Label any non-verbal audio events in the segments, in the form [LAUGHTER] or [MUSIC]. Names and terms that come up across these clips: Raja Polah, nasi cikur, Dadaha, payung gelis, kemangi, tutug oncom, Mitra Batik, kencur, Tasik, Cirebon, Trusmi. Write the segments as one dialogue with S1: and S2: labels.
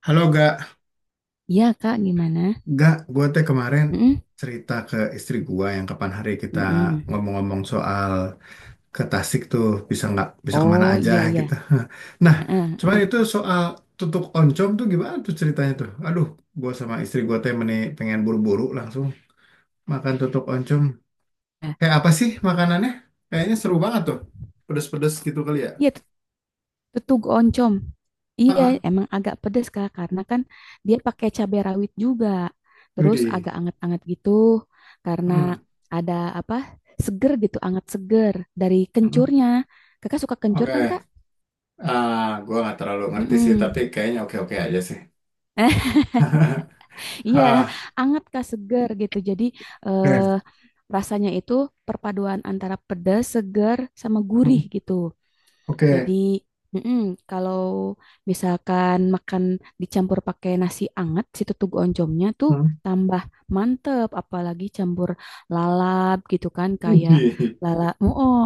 S1: Halo gak,
S2: Iya Kak, gimana?
S1: gue teh kemarin
S2: Mm-mm,
S1: cerita ke istri gua yang kapan hari kita
S2: mm-mm.
S1: ngomong-ngomong soal ke Tasik tuh bisa nggak bisa kemana
S2: Oh
S1: aja
S2: iya iya.
S1: gitu. [LAUGHS] Nah,
S2: Heeh,
S1: cuman
S2: heeh.
S1: itu soal tutuk oncom tuh gimana tuh ceritanya tuh? Aduh, gua sama istri gua teh meni pengen buru-buru langsung makan tutuk oncom.
S2: Nah,
S1: Kayak apa sih makanannya? Kayaknya seru banget tuh, pedes-pedes gitu kali ya.
S2: Iya tut- tutug oncom. Iya
S1: Ah,
S2: emang agak pedes Kak karena kan dia pakai cabai rawit juga. Terus
S1: widih.
S2: agak anget-anget gitu karena
S1: Hmm,
S2: ada apa? Seger gitu, anget seger dari
S1: hmm.
S2: kencurnya. Kakak suka kencur
S1: Oke,
S2: kan Kak?
S1: ah, gua nggak terlalu ngerti sih, tapi
S2: Mm-mm.
S1: kayaknya oke-oke aja sih.
S2: [LAUGHS]
S1: [LAUGHS]
S2: Iya,
S1: Ah,
S2: anget Kak seger gitu. Jadi eh,
S1: oke.
S2: rasanya itu perpaduan antara pedas, seger sama
S1: Hmm,
S2: gurih gitu. Jadi,
S1: oke.
S2: mm-mm, kalau misalkan makan dicampur pakai nasi anget, si tutug oncomnya tuh
S1: Hmm.
S2: tambah mantep, apalagi campur lalap gitu kan, kayak
S1: Wih.
S2: lalap, oh, oh,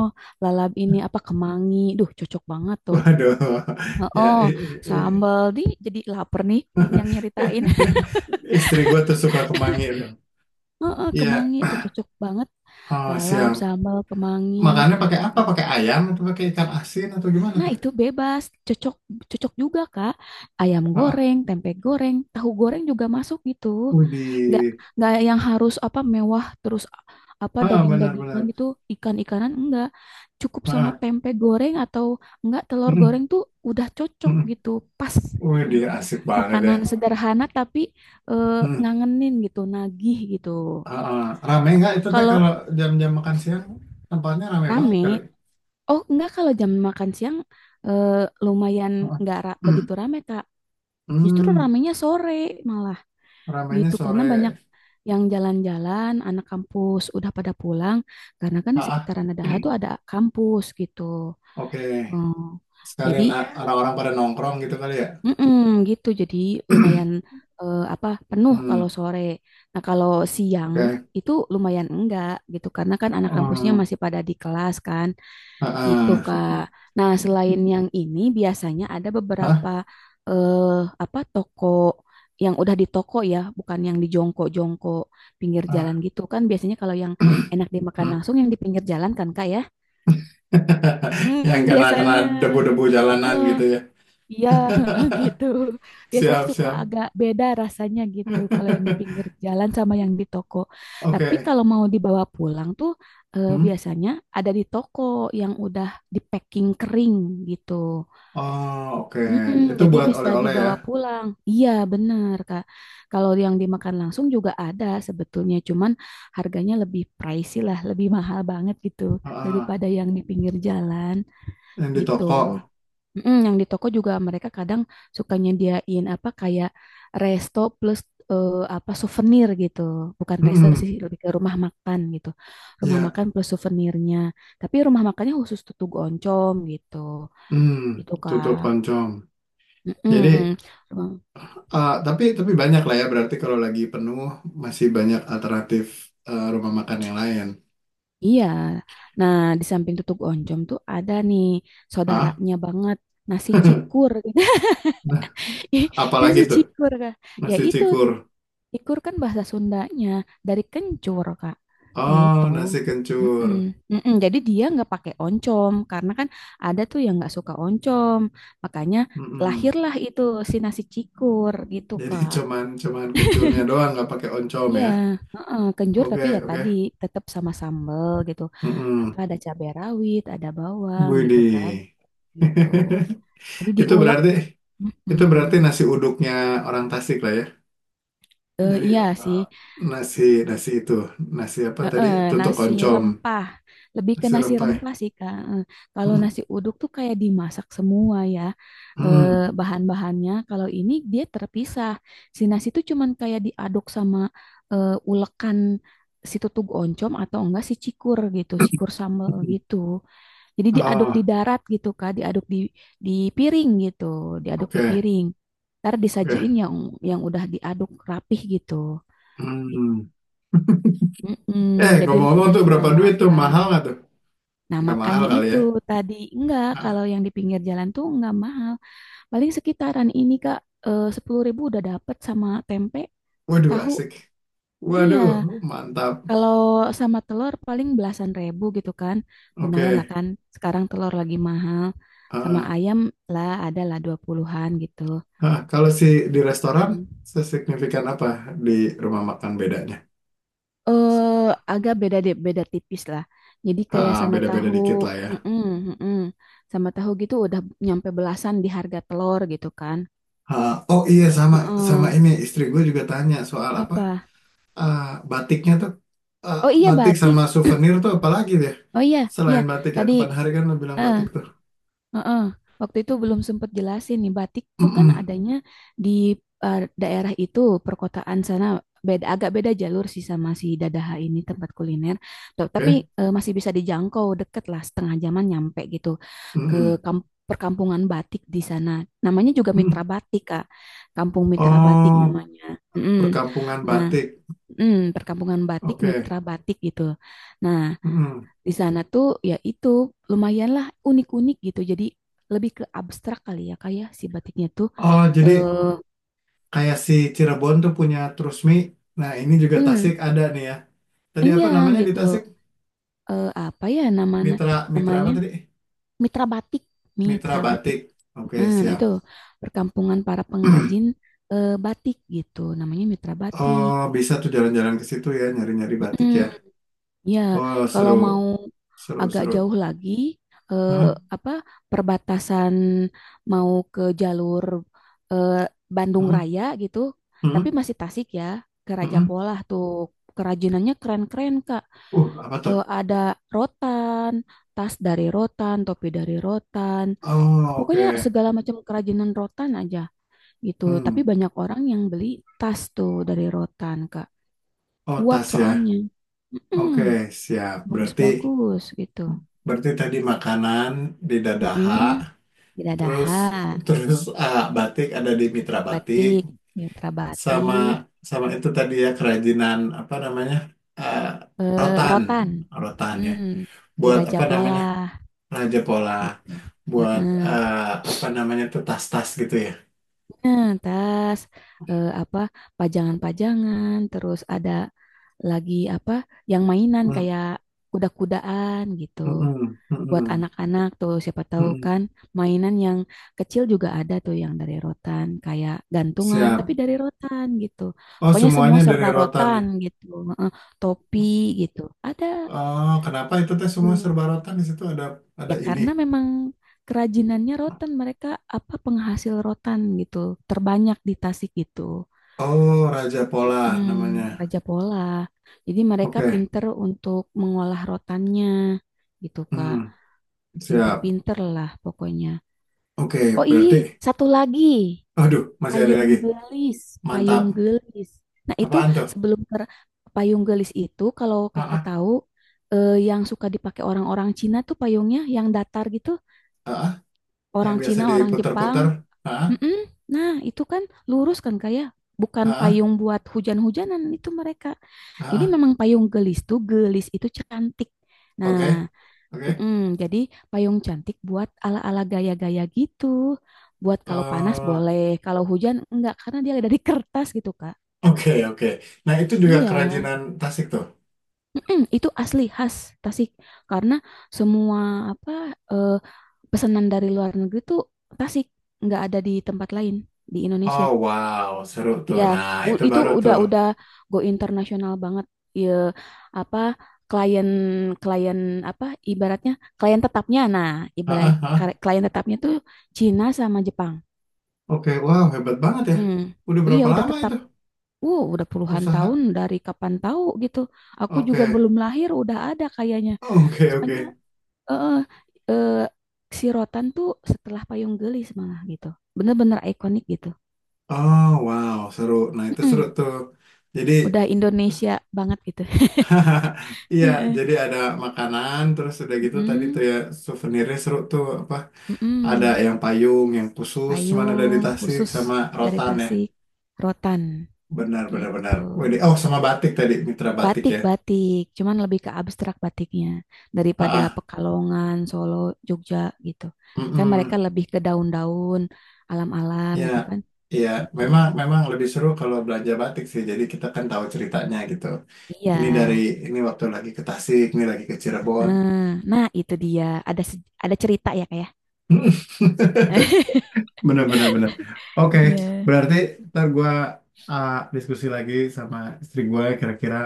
S2: lalap ini apa kemangi, duh cocok banget tuh.
S1: Waduh.
S2: Oh,
S1: [LAUGHS] Ya,
S2: oh, sambal di jadi lapar nih
S1: [LAUGHS]
S2: yang nyeritain. [LAUGHS]
S1: istri gue tuh suka kemangi loh.
S2: Oh, oh,
S1: Iya,
S2: kemangi tuh cocok banget.
S1: oh,
S2: Lalap,
S1: siap.
S2: sambal, kemangi.
S1: Makannya pakai apa? Pakai ayam atau pakai ikan asin atau gimana
S2: Nah,
S1: tuh?
S2: itu bebas, cocok cocok juga, Kak. Ayam
S1: Ah,
S2: goreng, tempe goreng, tahu goreng juga masuk gitu. Nggak
S1: wih.
S2: nggak yang harus apa mewah terus apa
S1: Ah,
S2: daging-dagingan
S1: benar-benar.
S2: gitu, ikan-ikanan enggak. Cukup sama
S1: Ah,
S2: tempe goreng atau enggak telur
S1: hmm,
S2: goreng tuh udah cocok
S1: hmm.
S2: gitu, pas. Mm.
S1: Widih, asik banget ya.
S2: Makanan sederhana tapi
S1: Hmm.
S2: ngangenin gitu, nagih gitu.
S1: Ah, ah. Rame nggak itu teh kalau
S2: Kalau
S1: jam-jam makan siang tempatnya rame banget
S2: rame,
S1: kali.
S2: oh enggak kalau jam makan siang eh, lumayan
S1: Ah,
S2: enggak
S1: ah. [CLEARS THROAT]
S2: begitu rame, Kak. Justru
S1: Hmm,
S2: ramenya sore malah
S1: ramainya
S2: gitu karena banyak
S1: sore.
S2: yang jalan-jalan, anak kampus udah pada pulang karena kan di
S1: Ah,
S2: sekitaran Dadaha tuh
S1: [CLEARS THROAT]
S2: ada kampus gitu.
S1: oke.
S2: Hmm, jadi
S1: Sekalian ah, ya, orang-orang pada nongkrong gitu kali ya.
S2: mm-mm, gitu jadi lumayan
S1: [CLEARS THROAT]
S2: apa penuh kalau
S1: Hmm,
S2: sore. Nah, kalau siang
S1: oke.
S2: itu lumayan enggak gitu karena kan anak kampusnya
S1: Hmm,
S2: masih pada di kelas kan, gitu
S1: ah, ah.
S2: Kak. Nah, selain yang ini biasanya ada
S1: Hah?
S2: beberapa eh apa toko yang udah di toko ya, bukan yang di jongkok-jongkok pinggir jalan
S1: Ah,
S2: gitu kan. Biasanya kalau yang
S1: [CLEARS THROAT]
S2: enak dimakan
S1: hmm.
S2: langsung yang di pinggir jalan kan Kak ya.
S1: [LAUGHS] Yang
S2: Hmm,
S1: kena kena
S2: biasanya.
S1: debu-debu jalanan gitu ya.
S2: Iya, [LAUGHS] gitu. Biasanya
S1: Siap,
S2: suka
S1: siap.
S2: agak beda rasanya gitu kalau yang di pinggir
S1: [LAUGHS]
S2: jalan sama yang di toko. Tapi
S1: Oke.
S2: kalau mau dibawa pulang tuh
S1: Hmm.
S2: biasanya ada di toko yang udah di packing kering gitu.
S1: Oh, oke.
S2: Mm-mm,
S1: Itu
S2: jadi
S1: buat
S2: bisa
S1: oleh-oleh ya.
S2: dibawa pulang. Iya, benar Kak. Kalau yang dimakan langsung juga ada sebetulnya, cuman harganya lebih pricey lah, lebih mahal banget gitu
S1: Ah, ah.
S2: daripada yang di pinggir jalan
S1: Yang di
S2: gitu.
S1: toko.
S2: Mm, yang di toko juga mereka kadang suka nyediain apa kayak resto plus eh, apa souvenir gitu. Bukan resto
S1: Hmm.
S2: sih, lebih ke rumah makan gitu. Rumah
S1: Ya.
S2: makan plus souvenirnya. Tapi rumah makannya khusus tutug oncom gitu.
S1: Hmm.
S2: Itu
S1: Tutup
S2: Kak.
S1: oncom. Jadi
S2: Mm-mm. Rumah-
S1: ah, tapi banyak lah ya berarti kalau lagi penuh masih banyak alternatif rumah makan yang lain.
S2: Iya. Nah, di samping tutug oncom tuh ada nih
S1: Hah?
S2: saudaranya banget nasi
S1: [LAUGHS]
S2: cikur. [LAUGHS]
S1: Nah,
S2: Ih,
S1: apalagi
S2: nasi
S1: tuh
S2: cikur Kak. Ya
S1: nasi
S2: itu
S1: cikur.
S2: ikur kan bahasa Sundanya dari kencur, Kak. Gitu.
S1: Oh, nasi kencur.
S2: Mm-mm. Mm-mm. Jadi dia nggak pakai oncom karena kan ada tuh yang nggak suka oncom. Makanya
S1: Mm-mm.
S2: lahirlah itu si nasi cikur gitu,
S1: Jadi [LAUGHS]
S2: Kak.
S1: cuman cuman kencurnya doang
S2: [LAUGHS]
S1: nggak pakai oncom
S2: Iya,
S1: ya.
S2: heeh, kenjur tapi
S1: Oke
S2: ya tadi
S1: oke.
S2: tetap sama sambel gitu. Apa
S1: Mm-mm.
S2: ada cabai rawit, ada bawang gitu kan.
S1: Widih.
S2: Gitu. Jadi
S1: [LAUGHS] Itu
S2: diulek.
S1: berarti itu
S2: Mm.
S1: berarti nasi uduknya orang Tasik lah ya.
S2: Eh,
S1: Jadi
S2: iya sih,
S1: eh, nasi nasi itu nasi apa tadi
S2: heeh,
S1: tutuk
S2: nasi
S1: oncom
S2: rempah. Lebih ke
S1: nasi
S2: nasi
S1: rempai.
S2: rempah sih, Kak. Kalau
S1: Mm-mm.
S2: nasi uduk tuh kayak dimasak semua ya eh,
S1: Mm-mm.
S2: bahan-bahannya. Kalau ini dia terpisah. Si nasi tuh cuman kayak diaduk sama ulekan si tutug oncom atau enggak si cikur gitu, cikur sambal
S1: Mm-hmm.
S2: gitu. Jadi diaduk di
S1: Ah,
S2: darat gitu, Kak. Diaduk di di piring gitu, diaduk di
S1: oke,
S2: piring. Ntar disajiin
S1: oke.
S2: yang udah diaduk rapih gitu.
S1: Hmm.
S2: Mm-mm,
S1: Eh,
S2: jadi
S1: ngomong-ngomong
S2: udah
S1: tuh
S2: tinggal
S1: berapa duit tuh?
S2: makan.
S1: Mahal nggak tuh?
S2: Nah,
S1: Nggak mahal
S2: makanya
S1: kali
S2: itu
S1: ya?
S2: tadi enggak kalau
S1: Ah,
S2: yang di pinggir jalan tuh enggak mahal. Paling sekitaran ini Kak 10.000 udah dapet sama tempe,
S1: waduh,
S2: tahu.
S1: asik.
S2: Iya,
S1: Waduh, mantap.
S2: kalau sama telur paling belasan ribu gitu kan. Lumayan lah
S1: Oke.
S2: kan. Sekarang telur lagi mahal. Sama
S1: Ah,
S2: ayam lah ada lah dua puluhan gitu.
S1: ah, kalau si di restoran,
S2: Hmm.
S1: sesignifikan apa di rumah makan bedanya?
S2: eh Agak beda deh, beda tipis lah. Jadi kayak
S1: Ah,
S2: sama
S1: beda-beda
S2: tahu,
S1: dikit lah ya.
S2: mm-mm, mm-mm. Sama tahu gitu udah nyampe belasan di harga telur gitu kan.
S1: Ah, oh iya, sama sama
S2: Heeh.
S1: ini istri gue juga tanya soal apa?
S2: Apa?
S1: Ah, batiknya tuh, ah,
S2: Oh iya
S1: batik sama
S2: batik.
S1: souvenir tuh apalagi deh?
S2: Oh iya, iya.
S1: Selain batik ya,
S2: Tadi,
S1: kapan hari kan lo bilang
S2: eh,
S1: batik tuh.
S2: heeh. Waktu itu belum sempat jelasin nih, batik tuh kan
S1: Mm-mm.
S2: adanya di daerah itu, perkotaan sana beda agak beda jalur sih sama si Dadaha ini tempat kuliner. Tapi
S1: Oke.
S2: masih bisa dijangkau deket lah setengah jaman nyampe gitu ke
S1: Mm-mm.
S2: perkampungan batik di sana. Namanya juga Mitra
S1: Mm.
S2: Batik, Kak. Kampung Mitra Batik
S1: Oh,
S2: namanya. Mm-mm.
S1: perkampungan
S2: Nah,
S1: batik.
S2: perkampungan batik,
S1: Oke.
S2: Mitra Batik gitu. Nah,
S1: Mm-mm.
S2: di sana tuh ya itu lumayanlah unik-unik gitu. Jadi lebih ke abstrak kali ya kayak si batiknya tuh
S1: Oh, jadi
S2: eh
S1: kayak si Cirebon tuh punya Trusmi. Nah, ini juga
S2: hmm,
S1: Tasik ada nih ya. Tadi apa
S2: iya
S1: namanya di
S2: gitu.
S1: Tasik?
S2: Apa ya namanya
S1: Mitra Mitra apa
S2: namanya
S1: tadi?
S2: Mitra Batik.
S1: Mitra
S2: Mitra Batik.
S1: batik. Oke,
S2: Nah, nah, itu
S1: siap.
S2: perkampungan para pengrajin
S1: [CLEARS THROAT]
S2: batik gitu. Namanya Mitra Batik.
S1: Oh, bisa tuh jalan-jalan ke situ ya, nyari-nyari batik
S2: Mm-mm.
S1: ya.
S2: Ya,
S1: Oh,
S2: kalau mau
S1: seru, seru,
S2: agak
S1: seru.
S2: jauh lagi, eh,
S1: Hah?
S2: apa perbatasan mau ke jalur eh, Bandung
S1: Hah?
S2: Raya gitu,
S1: Hah?
S2: tapi masih Tasik ya, ke Raja
S1: Hah?
S2: Polah tuh kerajinannya keren-keren Kak.
S1: Apa tuh?
S2: Ada rotan, tas dari rotan, topi dari rotan,
S1: Oh,
S2: pokoknya
S1: oke.
S2: segala macam kerajinan rotan aja gitu.
S1: Hmm.
S2: Tapi banyak orang yang beli tas tuh dari rotan Kak,
S1: Oh,
S2: kuat
S1: tas ya.
S2: soalnya.
S1: Oke,
S2: Mm-mm,
S1: siap. Berarti.
S2: bagus-bagus gitu.
S1: Berarti tadi makanan di Dadaha,
S2: Mm-mm.
S1: terus
S2: Bidadaha,
S1: terus ah, batik ada di Mitra Batik,
S2: batik, mitra
S1: sama
S2: batik,
S1: sama itu tadi ya kerajinan apa namanya ah, rotan,
S2: rotan,
S1: rotan ya.
S2: mm, di
S1: Buat
S2: Raja
S1: apa namanya
S2: Pola
S1: raja pola,
S2: gitu.
S1: buat
S2: Heeh.
S1: ah, apa namanya tuh tas-tas gitu ya.
S2: Nah, tas apa pajangan-pajangan, terus ada lagi apa yang mainan
S1: Mm,
S2: kayak kuda-kudaan gitu.
S1: mm-mm,
S2: Buat
S1: mm-mm,
S2: anak-anak tuh siapa tahu
S1: mm-mm.
S2: kan mainan yang kecil juga ada tuh yang dari rotan kayak gantungan tapi
S1: Siap.
S2: dari rotan gitu,
S1: Oh
S2: pokoknya semua
S1: semuanya dari
S2: serba
S1: rotan ya.
S2: rotan gitu. Heeh, topi gitu ada
S1: Oh kenapa itu teh semua
S2: tuh.
S1: serba rotan di situ ada
S2: Ya
S1: ini.
S2: karena memang kerajinannya rotan mereka apa penghasil rotan gitu terbanyak di Tasik gitu.
S1: Oh raja pola
S2: Mm,
S1: namanya.
S2: Raja Pola jadi mereka
S1: Oke.
S2: pinter untuk mengolah rotannya gitu Kak,
S1: Hmm, siap.
S2: pinter-pinter lah pokoknya.
S1: Oke,
S2: Oh iya,
S1: berarti,
S2: satu lagi.
S1: aduh, masih ada
S2: Payung
S1: lagi.
S2: gelis,
S1: Mantap.
S2: payung gelis. Nah, itu
S1: Apaan tuh?
S2: sebelum payung gelis itu kalau
S1: Ah,
S2: Kakak
S1: ah,
S2: tahu yang suka dipakai orang-orang Cina tuh payungnya yang datar gitu,
S1: ah, ah. Yang
S2: orang
S1: biasa
S2: Cina, orang Jepang.
S1: diputar-putar. Ah, ah,
S2: Mm-mm. Nah, itu kan lurus kan kayak
S1: ah,
S2: bukan
S1: ah,
S2: payung buat hujan-hujanan itu mereka.
S1: ah,
S2: Jadi
S1: ah.
S2: memang payung gelis tuh gelis itu cantik. Nah,
S1: Oke, oke.
S2: Mm-mm, jadi payung cantik buat ala-ala gaya-gaya gitu. Buat kalau panas
S1: Eh,
S2: boleh, kalau hujan enggak karena dia dari kertas gitu, Kak.
S1: oke, oke. Nah, itu juga
S2: Iya.
S1: kerajinan Tasik tuh.
S2: Mm-mm, itu asli khas Tasik karena semua apa eh, pesanan dari luar negeri tuh Tasik, nggak ada di tempat lain di Indonesia.
S1: Oh, wow, seru tuh.
S2: Ya,
S1: Nah, itu
S2: itu
S1: baru
S2: udah
S1: tuh.
S2: udah go internasional banget. Ya, apa klien klien apa ibaratnya klien tetapnya. Nah,
S1: Ah,
S2: ibarat
S1: ah, ah.
S2: klien tetapnya tuh Cina sama Jepang.
S1: Oke, wow, hebat banget ya.
S2: Mm.
S1: Udah
S2: Iya,
S1: berapa
S2: udah
S1: lama
S2: tetap.
S1: itu
S2: Wow, udah puluhan tahun
S1: usaha?
S2: dari kapan tahu gitu. Aku juga
S1: Oke,
S2: belum lahir udah ada kayaknya.
S1: oke,
S2: Soalnya
S1: oke.
S2: eh eh si Rotan tuh setelah Payung Gelis malah gitu. Bener-bener ikonik gitu.
S1: Oh, wow, seru. Nah, itu seru
S2: Mm-mm.
S1: tuh. Jadi
S2: Udah Indonesia banget gitu.
S1: [LAUGHS] iya, jadi
S2: [LAUGHS]
S1: ada makanan, terus udah gitu tadi tuh
S2: Mm-mm,
S1: ya souvenirnya seru tuh apa? Ada
S2: mm-mm.
S1: yang payung, yang khusus, cuman ada di
S2: Payung
S1: Tasik
S2: khusus
S1: sama
S2: dari
S1: rotan ya.
S2: Tasik, rotan
S1: Benar, benar, benar.
S2: gitu.
S1: Widih, oh, sama batik tadi, mitra batik ya.
S2: Batik-batik, cuman lebih ke abstrak batiknya daripada
S1: Ah,
S2: Pekalongan, Solo, Jogja gitu. Kan mereka
S1: mm
S2: lebih ke daun-daun, alam-alam
S1: ya,
S2: gitu kan,
S1: ya,
S2: gitu.
S1: memang lebih seru kalau belanja batik sih. Jadi kita kan tahu ceritanya gitu.
S2: Iya.
S1: Ini dari ini waktu lagi ke Tasik, ini lagi ke Cirebon.
S2: Eh, Nah, itu dia. Ada cerita ya kayak.
S1: [LAUGHS]
S2: [LAUGHS]
S1: Bener, bener, bener. Oke,
S2: Iya.
S1: berarti ntar gue diskusi lagi sama istri gue kira-kira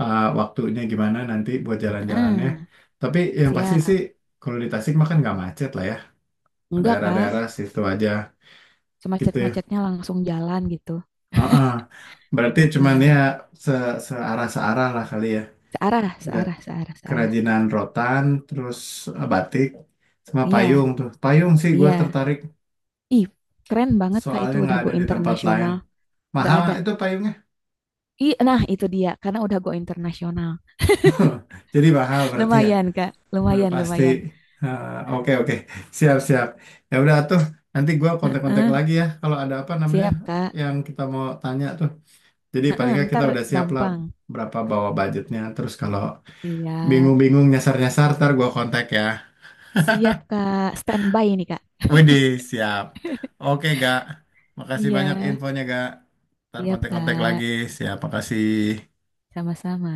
S1: waktunya gimana nanti buat jalan-jalannya.
S2: Heeh,
S1: Tapi yang pasti sih
S2: siap.
S1: kalau di Tasik mah kan nggak macet lah ya.
S2: Enggak, Kak.
S1: Daerah-daerah situ aja gitu ya.
S2: Semacet-macetnya langsung jalan gitu.
S1: Heeh. Berarti cuman ya
S2: Heeh.
S1: se searah searah lah kali ya.
S2: Searah,
S1: Lihat
S2: searah, searah, searah.
S1: kerajinan rotan, terus batik, sama
S2: Iya,
S1: payung tuh. Payung sih gue
S2: iya.
S1: tertarik
S2: Ih, keren banget Kak itu
S1: soalnya
S2: udah
S1: nggak
S2: go
S1: ada di tempat lain.
S2: internasional. Nggak
S1: Mahal
S2: ada.
S1: itu payungnya.
S2: Ih, nah itu dia karena udah go internasional.
S1: Jadi mahal berarti ya.
S2: Lumayan Kak,
S1: Udah
S2: lumayan,
S1: pasti.
S2: lumayan.
S1: Ah, oke oke. Siap siap. Ya udah tuh. Nanti gua kontak-kontak
S2: Heeh,
S1: lagi ya. Kalau ada apa namanya
S2: siap Kak.
S1: yang kita mau tanya tuh. Jadi paling
S2: Heeh,
S1: nggak kita
S2: ntar
S1: udah siap lah
S2: gampang.
S1: berapa bawa budgetnya. Terus kalau
S2: Siap,
S1: bingung-bingung nyasar-nyasar, ntar gua kontak ya.
S2: siap Kak. Standby nih Kak.
S1: Widih siap. Oke gak. Makasih banyak
S2: Iya,
S1: infonya gak. Ntar
S2: siap
S1: kontak-kontak
S2: Kak.
S1: lagi. Siap. Makasih.
S2: Sama-sama.